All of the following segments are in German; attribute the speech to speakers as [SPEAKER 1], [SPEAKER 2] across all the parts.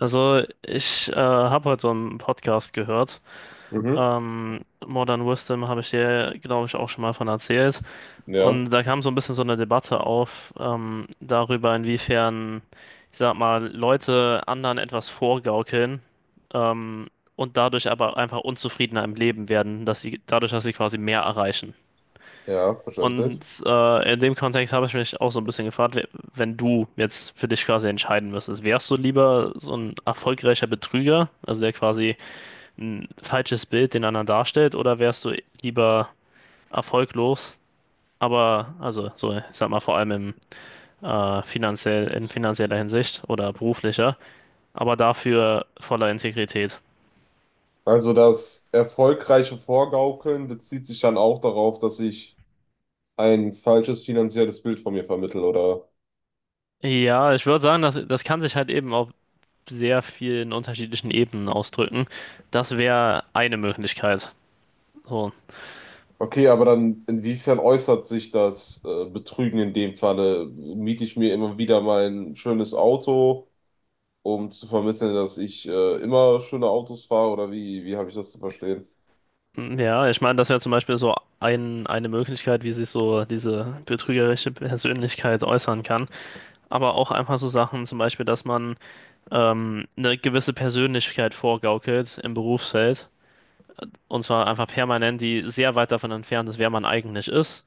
[SPEAKER 1] Also, ich habe heute so einen Podcast gehört.
[SPEAKER 2] Mhm.
[SPEAKER 1] Ähm, Modern Wisdom habe ich dir, glaube ich, auch schon mal von erzählt.
[SPEAKER 2] Ja,
[SPEAKER 1] Und da kam so ein bisschen so eine Debatte auf, darüber, inwiefern, ich sag mal, Leute anderen etwas vorgaukeln, ähm, und dadurch aber einfach unzufriedener im Leben werden, dass sie dadurch, dass sie quasi mehr erreichen.
[SPEAKER 2] ja,
[SPEAKER 1] Und
[SPEAKER 2] verständlich.
[SPEAKER 1] in dem Kontext habe ich mich auch so ein bisschen gefragt, wenn du jetzt für dich quasi entscheiden müsstest, wärst du lieber so ein erfolgreicher Betrüger, also der quasi ein falsches Bild den anderen darstellt, oder wärst du lieber erfolglos, aber, also so, ich sag mal, vor allem finanziell, in finanzieller Hinsicht oder beruflicher, aber dafür voller Integrität?
[SPEAKER 2] Also das erfolgreiche Vorgaukeln bezieht sich dann auch darauf, dass ich ein falsches finanzielles Bild von mir vermittle, oder?
[SPEAKER 1] Ja, ich würde sagen, das kann sich halt eben auf sehr vielen unterschiedlichen Ebenen ausdrücken. Das wäre eine Möglichkeit. So.
[SPEAKER 2] Okay, aber dann inwiefern äußert sich das Betrügen in dem Falle? Miete ich mir immer wieder mein schönes Auto, um zu vermitteln, dass ich immer schöne Autos fahre, oder wie habe ich das zu verstehen?
[SPEAKER 1] Ja, ich meine, das wäre zum Beispiel so eine Möglichkeit, wie sich so diese betrügerische Persönlichkeit äußern kann. Aber auch einfach so Sachen, zum Beispiel, dass man eine gewisse Persönlichkeit vorgaukelt im Berufsfeld. Und zwar einfach permanent, die sehr weit davon entfernt ist, wer man eigentlich ist.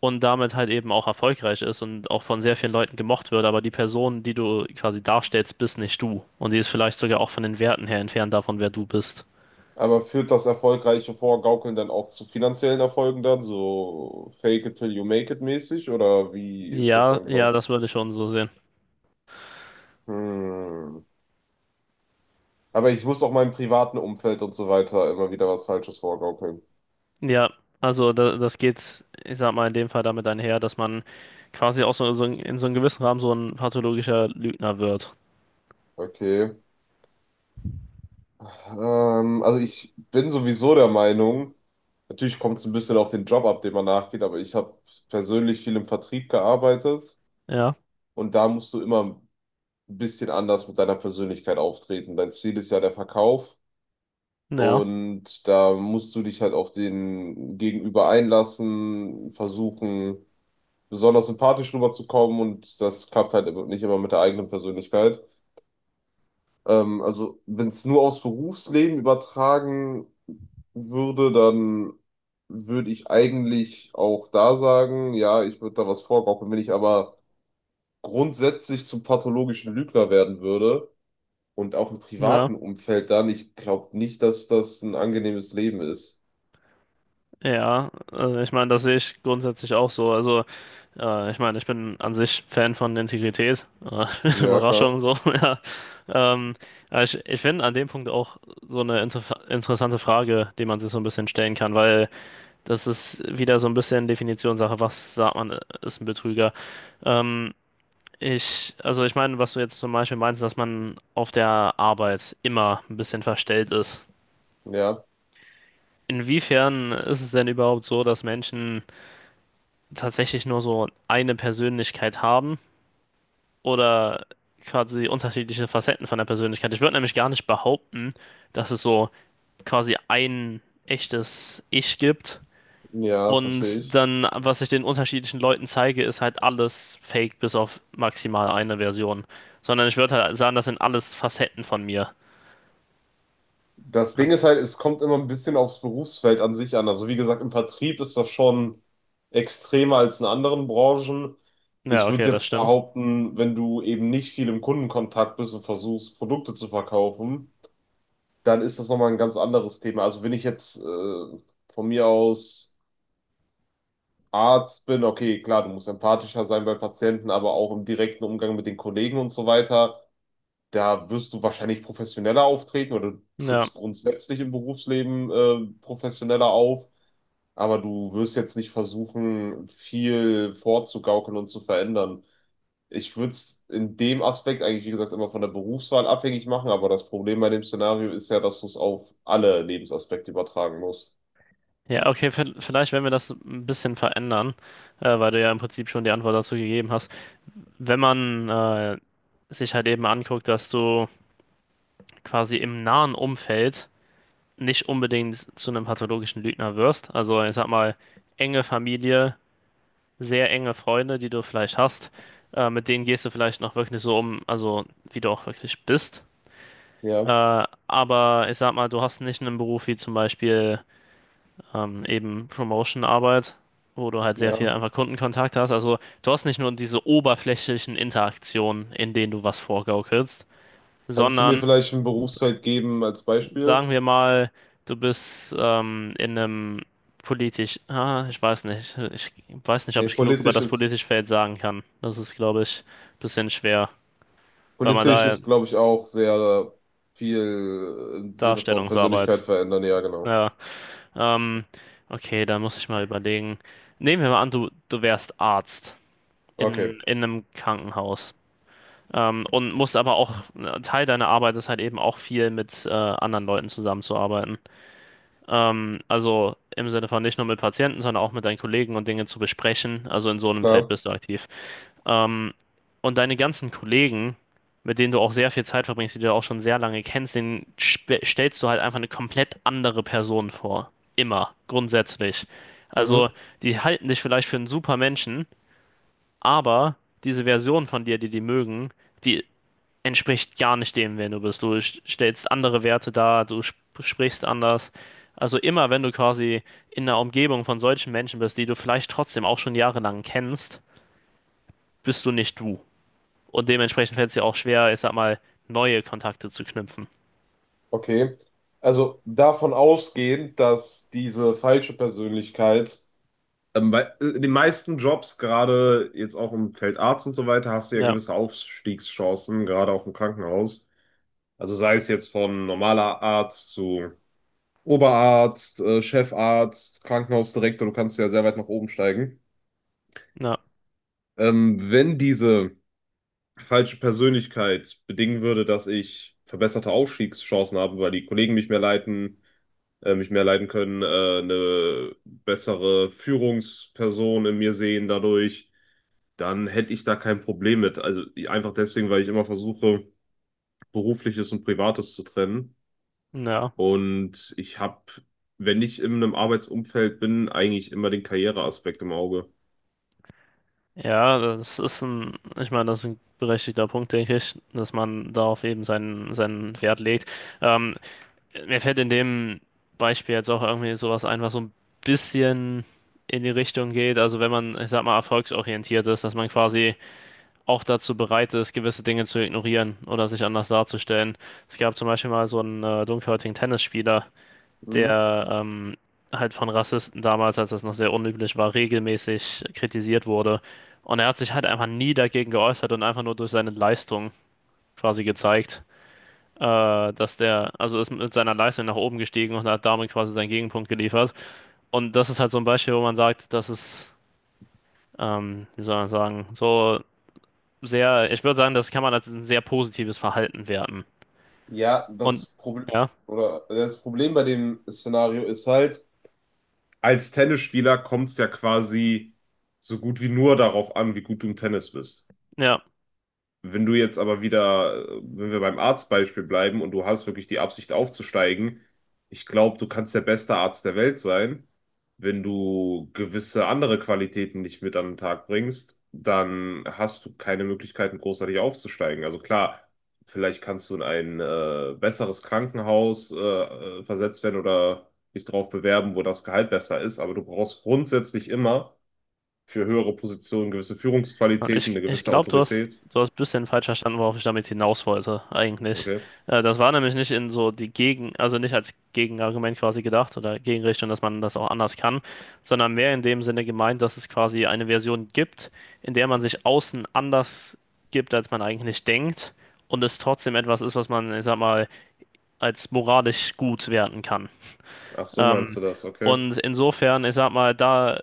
[SPEAKER 1] Und damit halt eben auch erfolgreich ist und auch von sehr vielen Leuten gemocht wird. Aber die Person, die du quasi darstellst, bist nicht du. Und die ist vielleicht sogar auch von den Werten her entfernt davon, wer du bist.
[SPEAKER 2] Aber führt das erfolgreiche Vorgaukeln dann auch zu finanziellen Erfolgen dann, so fake it till you make it mäßig, oder wie ist das
[SPEAKER 1] Ja,
[SPEAKER 2] dann
[SPEAKER 1] ja,
[SPEAKER 2] genau?
[SPEAKER 1] das würde ich schon so sehen.
[SPEAKER 2] Hm. Aber ich muss auch meinem privaten Umfeld und so weiter immer wieder was Falsches vorgaukeln.
[SPEAKER 1] Ja, also da, das geht, ich sag mal, in dem Fall damit einher, dass man quasi auch so, so in so einem gewissen Rahmen so ein pathologischer Lügner wird.
[SPEAKER 2] Okay. Also ich bin sowieso der Meinung, natürlich kommt es ein bisschen auf den Job ab, den man nachgeht, aber ich habe persönlich viel im Vertrieb gearbeitet
[SPEAKER 1] Ja,
[SPEAKER 2] und da musst du immer ein bisschen anders mit deiner Persönlichkeit auftreten. Dein Ziel ist ja der Verkauf.
[SPEAKER 1] ja,
[SPEAKER 2] Und da musst du dich halt auf den Gegenüber einlassen, versuchen, besonders sympathisch rüberzukommen und das klappt halt nicht immer mit der eigenen Persönlichkeit. Also, wenn es nur aufs Berufsleben übertragen würde, dann würde ich eigentlich auch da sagen, ja, ich würde da was vorgaukeln. Wenn ich aber grundsätzlich zum pathologischen Lügner werden würde und auch im
[SPEAKER 1] ja,
[SPEAKER 2] privaten Umfeld dann, ich glaube nicht, dass das ein angenehmes Leben ist.
[SPEAKER 1] ja. Also ich meine, das sehe ich grundsätzlich auch so. Also, ich meine, ich bin an sich Fan von Integrität.
[SPEAKER 2] Ja, klar.
[SPEAKER 1] Überraschung so, ja. Ähm, aber ich finde an dem Punkt auch so eine interessante Frage, die man sich so ein bisschen stellen kann, weil das ist wieder so ein bisschen Definitionssache, was sagt man, ist ein Betrüger? Ähm, Ich, also ich meine, was du jetzt zum Beispiel meinst, dass man auf der Arbeit immer ein bisschen verstellt ist.
[SPEAKER 2] Ja,
[SPEAKER 1] Inwiefern ist es denn überhaupt so, dass Menschen tatsächlich nur so eine Persönlichkeit haben oder quasi unterschiedliche Facetten von der Persönlichkeit? Ich würde nämlich gar nicht behaupten, dass es so quasi ein echtes Ich gibt.
[SPEAKER 2] ja, verstehe
[SPEAKER 1] Und
[SPEAKER 2] ich.
[SPEAKER 1] dann, was ich den unterschiedlichen Leuten zeige, ist halt alles fake bis auf maximal eine Version. Sondern ich würde halt sagen, das sind alles Facetten von mir.
[SPEAKER 2] Das Ding ist halt, es kommt immer ein bisschen aufs Berufsfeld an sich an. Also wie gesagt, im Vertrieb ist das schon extremer als in anderen Branchen.
[SPEAKER 1] Ja,
[SPEAKER 2] Ich würde
[SPEAKER 1] okay, das
[SPEAKER 2] jetzt
[SPEAKER 1] stimmt.
[SPEAKER 2] behaupten, wenn du eben nicht viel im Kundenkontakt bist und versuchst, Produkte zu verkaufen, dann ist das nochmal ein ganz anderes Thema. Also wenn ich jetzt von mir aus Arzt bin, okay, klar, du musst empathischer sein bei Patienten, aber auch im direkten Umgang mit den Kollegen und so weiter. Da wirst du wahrscheinlich professioneller auftreten oder du
[SPEAKER 1] Ja,
[SPEAKER 2] trittst grundsätzlich im Berufsleben professioneller auf, aber du wirst jetzt nicht versuchen, viel vorzugaukeln und zu verändern. Ich würde es in dem Aspekt eigentlich, wie gesagt, immer von der Berufswahl abhängig machen, aber das Problem bei dem Szenario ist ja, dass du es auf alle Lebensaspekte übertragen musst.
[SPEAKER 1] ja, okay, vielleicht wenn wir das ein bisschen verändern, weil du ja im Prinzip schon die Antwort dazu gegeben hast. Wenn man sich halt eben anguckt, dass du quasi im nahen Umfeld nicht unbedingt zu einem pathologischen Lügner wirst, also ich sag mal, enge Familie, sehr enge Freunde, die du vielleicht hast, mit denen gehst du vielleicht noch wirklich so um, also wie du auch wirklich bist.
[SPEAKER 2] Ja,
[SPEAKER 1] Äh, aber ich sag mal, du hast nicht einen Beruf wie zum Beispiel. Eben Promotion-Arbeit, wo du halt sehr viel
[SPEAKER 2] ja.
[SPEAKER 1] einfach Kundenkontakt hast. Also du hast nicht nur diese oberflächlichen Interaktionen, in denen du was vorgaukelst,
[SPEAKER 2] Kannst du mir
[SPEAKER 1] sondern
[SPEAKER 2] vielleicht ein
[SPEAKER 1] s-
[SPEAKER 2] Berufsfeld geben als Beispiel?
[SPEAKER 1] sagen wir mal, du bist in einem ich weiß nicht, ob
[SPEAKER 2] Nee,
[SPEAKER 1] ich genug über
[SPEAKER 2] politisch
[SPEAKER 1] das
[SPEAKER 2] ist.
[SPEAKER 1] politische Feld sagen kann. Das ist, glaube ich, ein bisschen schwer, weil man
[SPEAKER 2] Politisch
[SPEAKER 1] da ja
[SPEAKER 2] ist, glaube ich, auch sehr viel im Sinne von Persönlichkeit
[SPEAKER 1] Darstellungsarbeit,
[SPEAKER 2] verändern. Ja, genau.
[SPEAKER 1] ja, ähm, okay, da muss ich mal überlegen. Nehmen wir mal an, du wärst Arzt.
[SPEAKER 2] Okay,
[SPEAKER 1] In einem Krankenhaus. Und musst aber auch, Teil deiner Arbeit ist halt eben auch viel mit anderen Leuten zusammenzuarbeiten. Also im Sinne von nicht nur mit Patienten, sondern auch mit deinen Kollegen und Dinge zu besprechen. Also in so einem Feld
[SPEAKER 2] klar.
[SPEAKER 1] bist du aktiv. Ähm, und deine ganzen Kollegen, mit denen du auch sehr viel Zeit verbringst, die du ja auch schon sehr lange kennst, denen stellst du halt einfach eine komplett andere Person vor. Immer, grundsätzlich. Also
[SPEAKER 2] Mhm.
[SPEAKER 1] die halten dich vielleicht für einen super Menschen, aber diese Version von dir, die die mögen, die entspricht gar nicht dem, wer du bist. Du stellst andere Werte dar, du sp sprichst anders. Also immer, wenn du quasi in einer Umgebung von solchen Menschen bist, die du vielleicht trotzdem auch schon jahrelang kennst, bist du nicht du. Und dementsprechend fällt es dir auch schwer, ich sag mal, neue Kontakte zu knüpfen.
[SPEAKER 2] Okay. Also davon ausgehend, dass diese falsche Persönlichkeit, bei in den meisten Jobs, gerade jetzt auch im Feld Arzt und so weiter, hast du ja
[SPEAKER 1] Ja,
[SPEAKER 2] gewisse Aufstiegschancen, gerade auch im Krankenhaus. Also sei es jetzt von normaler Arzt zu Oberarzt, Chefarzt, Krankenhausdirektor, du kannst ja sehr weit nach oben steigen.
[SPEAKER 1] ja,
[SPEAKER 2] Wenn diese falsche Persönlichkeit bedingen würde, dass ich verbesserte Aufstiegschancen habe, weil die Kollegen mich mehr leiten können, eine bessere Führungsperson in mir sehen dadurch, dann hätte ich da kein Problem mit. Also einfach deswegen, weil ich immer versuche, berufliches und privates zu trennen.
[SPEAKER 1] ja.
[SPEAKER 2] Und ich habe, wenn ich in einem Arbeitsumfeld bin, eigentlich immer den Karriereaspekt im Auge.
[SPEAKER 1] Ja, das ist ein, ich meine, das ist ein berechtigter Punkt, denke ich, dass man darauf eben seinen Wert legt. Ähm, Mir fällt in dem Beispiel jetzt auch irgendwie sowas ein, was so ein bisschen in die Richtung geht. Also wenn man, ich sag mal, erfolgsorientiert ist, dass man quasi auch dazu bereit ist, gewisse Dinge zu ignorieren oder sich anders darzustellen. Es gab zum Beispiel mal so einen dunkelhäutigen Tennisspieler,
[SPEAKER 2] Mhm.
[SPEAKER 1] der halt von Rassisten damals, als das noch sehr unüblich war, regelmäßig kritisiert wurde. Und er hat sich halt einfach nie dagegen geäußert und einfach nur durch seine Leistung quasi gezeigt dass der, also ist mit seiner Leistung nach oben gestiegen und hat damit quasi seinen Gegenpunkt geliefert. Und das ist halt so ein Beispiel, wo man sagt, das ist, wie soll man sagen, so sehr, ich würde sagen, das kann man als ein sehr positives Verhalten werten.
[SPEAKER 2] Ja,
[SPEAKER 1] Und
[SPEAKER 2] das Problem
[SPEAKER 1] ja,
[SPEAKER 2] oder das Problem bei dem Szenario ist halt, als Tennisspieler kommt es ja quasi so gut wie nur darauf an, wie gut du im Tennis bist.
[SPEAKER 1] ja.
[SPEAKER 2] Wenn du jetzt aber wieder, wenn wir beim Arztbeispiel bleiben und du hast wirklich die Absicht aufzusteigen, ich glaube, du kannst der beste Arzt der Welt sein. Wenn du gewisse andere Qualitäten nicht mit an den Tag bringst, dann hast du keine Möglichkeiten, großartig aufzusteigen. Also klar, vielleicht kannst du in ein besseres Krankenhaus versetzt werden oder dich darauf bewerben, wo das Gehalt besser ist, aber du brauchst grundsätzlich immer für höhere Positionen gewisse Führungsqualitäten,
[SPEAKER 1] Ich,
[SPEAKER 2] eine
[SPEAKER 1] ich
[SPEAKER 2] gewisse
[SPEAKER 1] glaube,
[SPEAKER 2] Autorität.
[SPEAKER 1] du hast ein bisschen falsch verstanden, worauf ich damit hinaus wollte, eigentlich.
[SPEAKER 2] Okay.
[SPEAKER 1] Das war nämlich nicht in so die Gegen, also nicht als Gegenargument quasi gedacht oder Gegenrichtung, dass man das auch anders kann, sondern mehr in dem Sinne gemeint, dass es quasi eine Version gibt, in der man sich außen anders gibt, als man eigentlich denkt und es trotzdem etwas ist, was man, ich sag mal, als moralisch gut werten kann.
[SPEAKER 2] Ach so, meinst
[SPEAKER 1] Ähm,
[SPEAKER 2] du das, okay.
[SPEAKER 1] und insofern, ich sag mal, da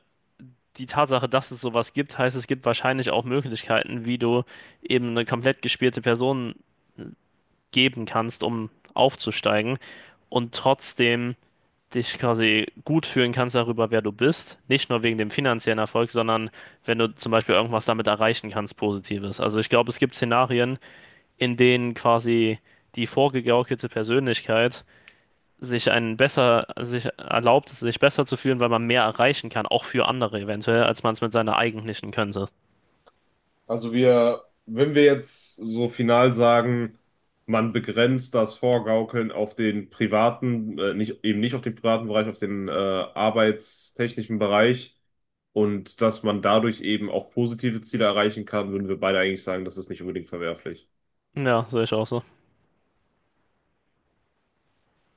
[SPEAKER 1] die Tatsache, dass es sowas gibt, heißt, es gibt wahrscheinlich auch Möglichkeiten, wie du eben eine komplett gespielte Person geben kannst, um aufzusteigen und trotzdem dich quasi gut fühlen kannst darüber, wer du bist. Nicht nur wegen dem finanziellen Erfolg, sondern wenn du zum Beispiel irgendwas damit erreichen kannst, Positives. Also ich glaube, es gibt Szenarien, in denen quasi die vorgegaukelte Persönlichkeit sich einen besser, sich erlaubt, sich besser zu fühlen, weil man mehr erreichen kann, auch für andere eventuell, als man es mit seiner eigentlichen Könnte.
[SPEAKER 2] Also wir, wenn wir jetzt so final sagen, man begrenzt das Vorgaukeln auf den privaten, nicht, eben nicht auf den privaten Bereich, auf den arbeitstechnischen Bereich und dass man dadurch eben auch positive Ziele erreichen kann, würden wir beide eigentlich sagen, das ist nicht unbedingt verwerflich.
[SPEAKER 1] Ja, sehe ich auch so.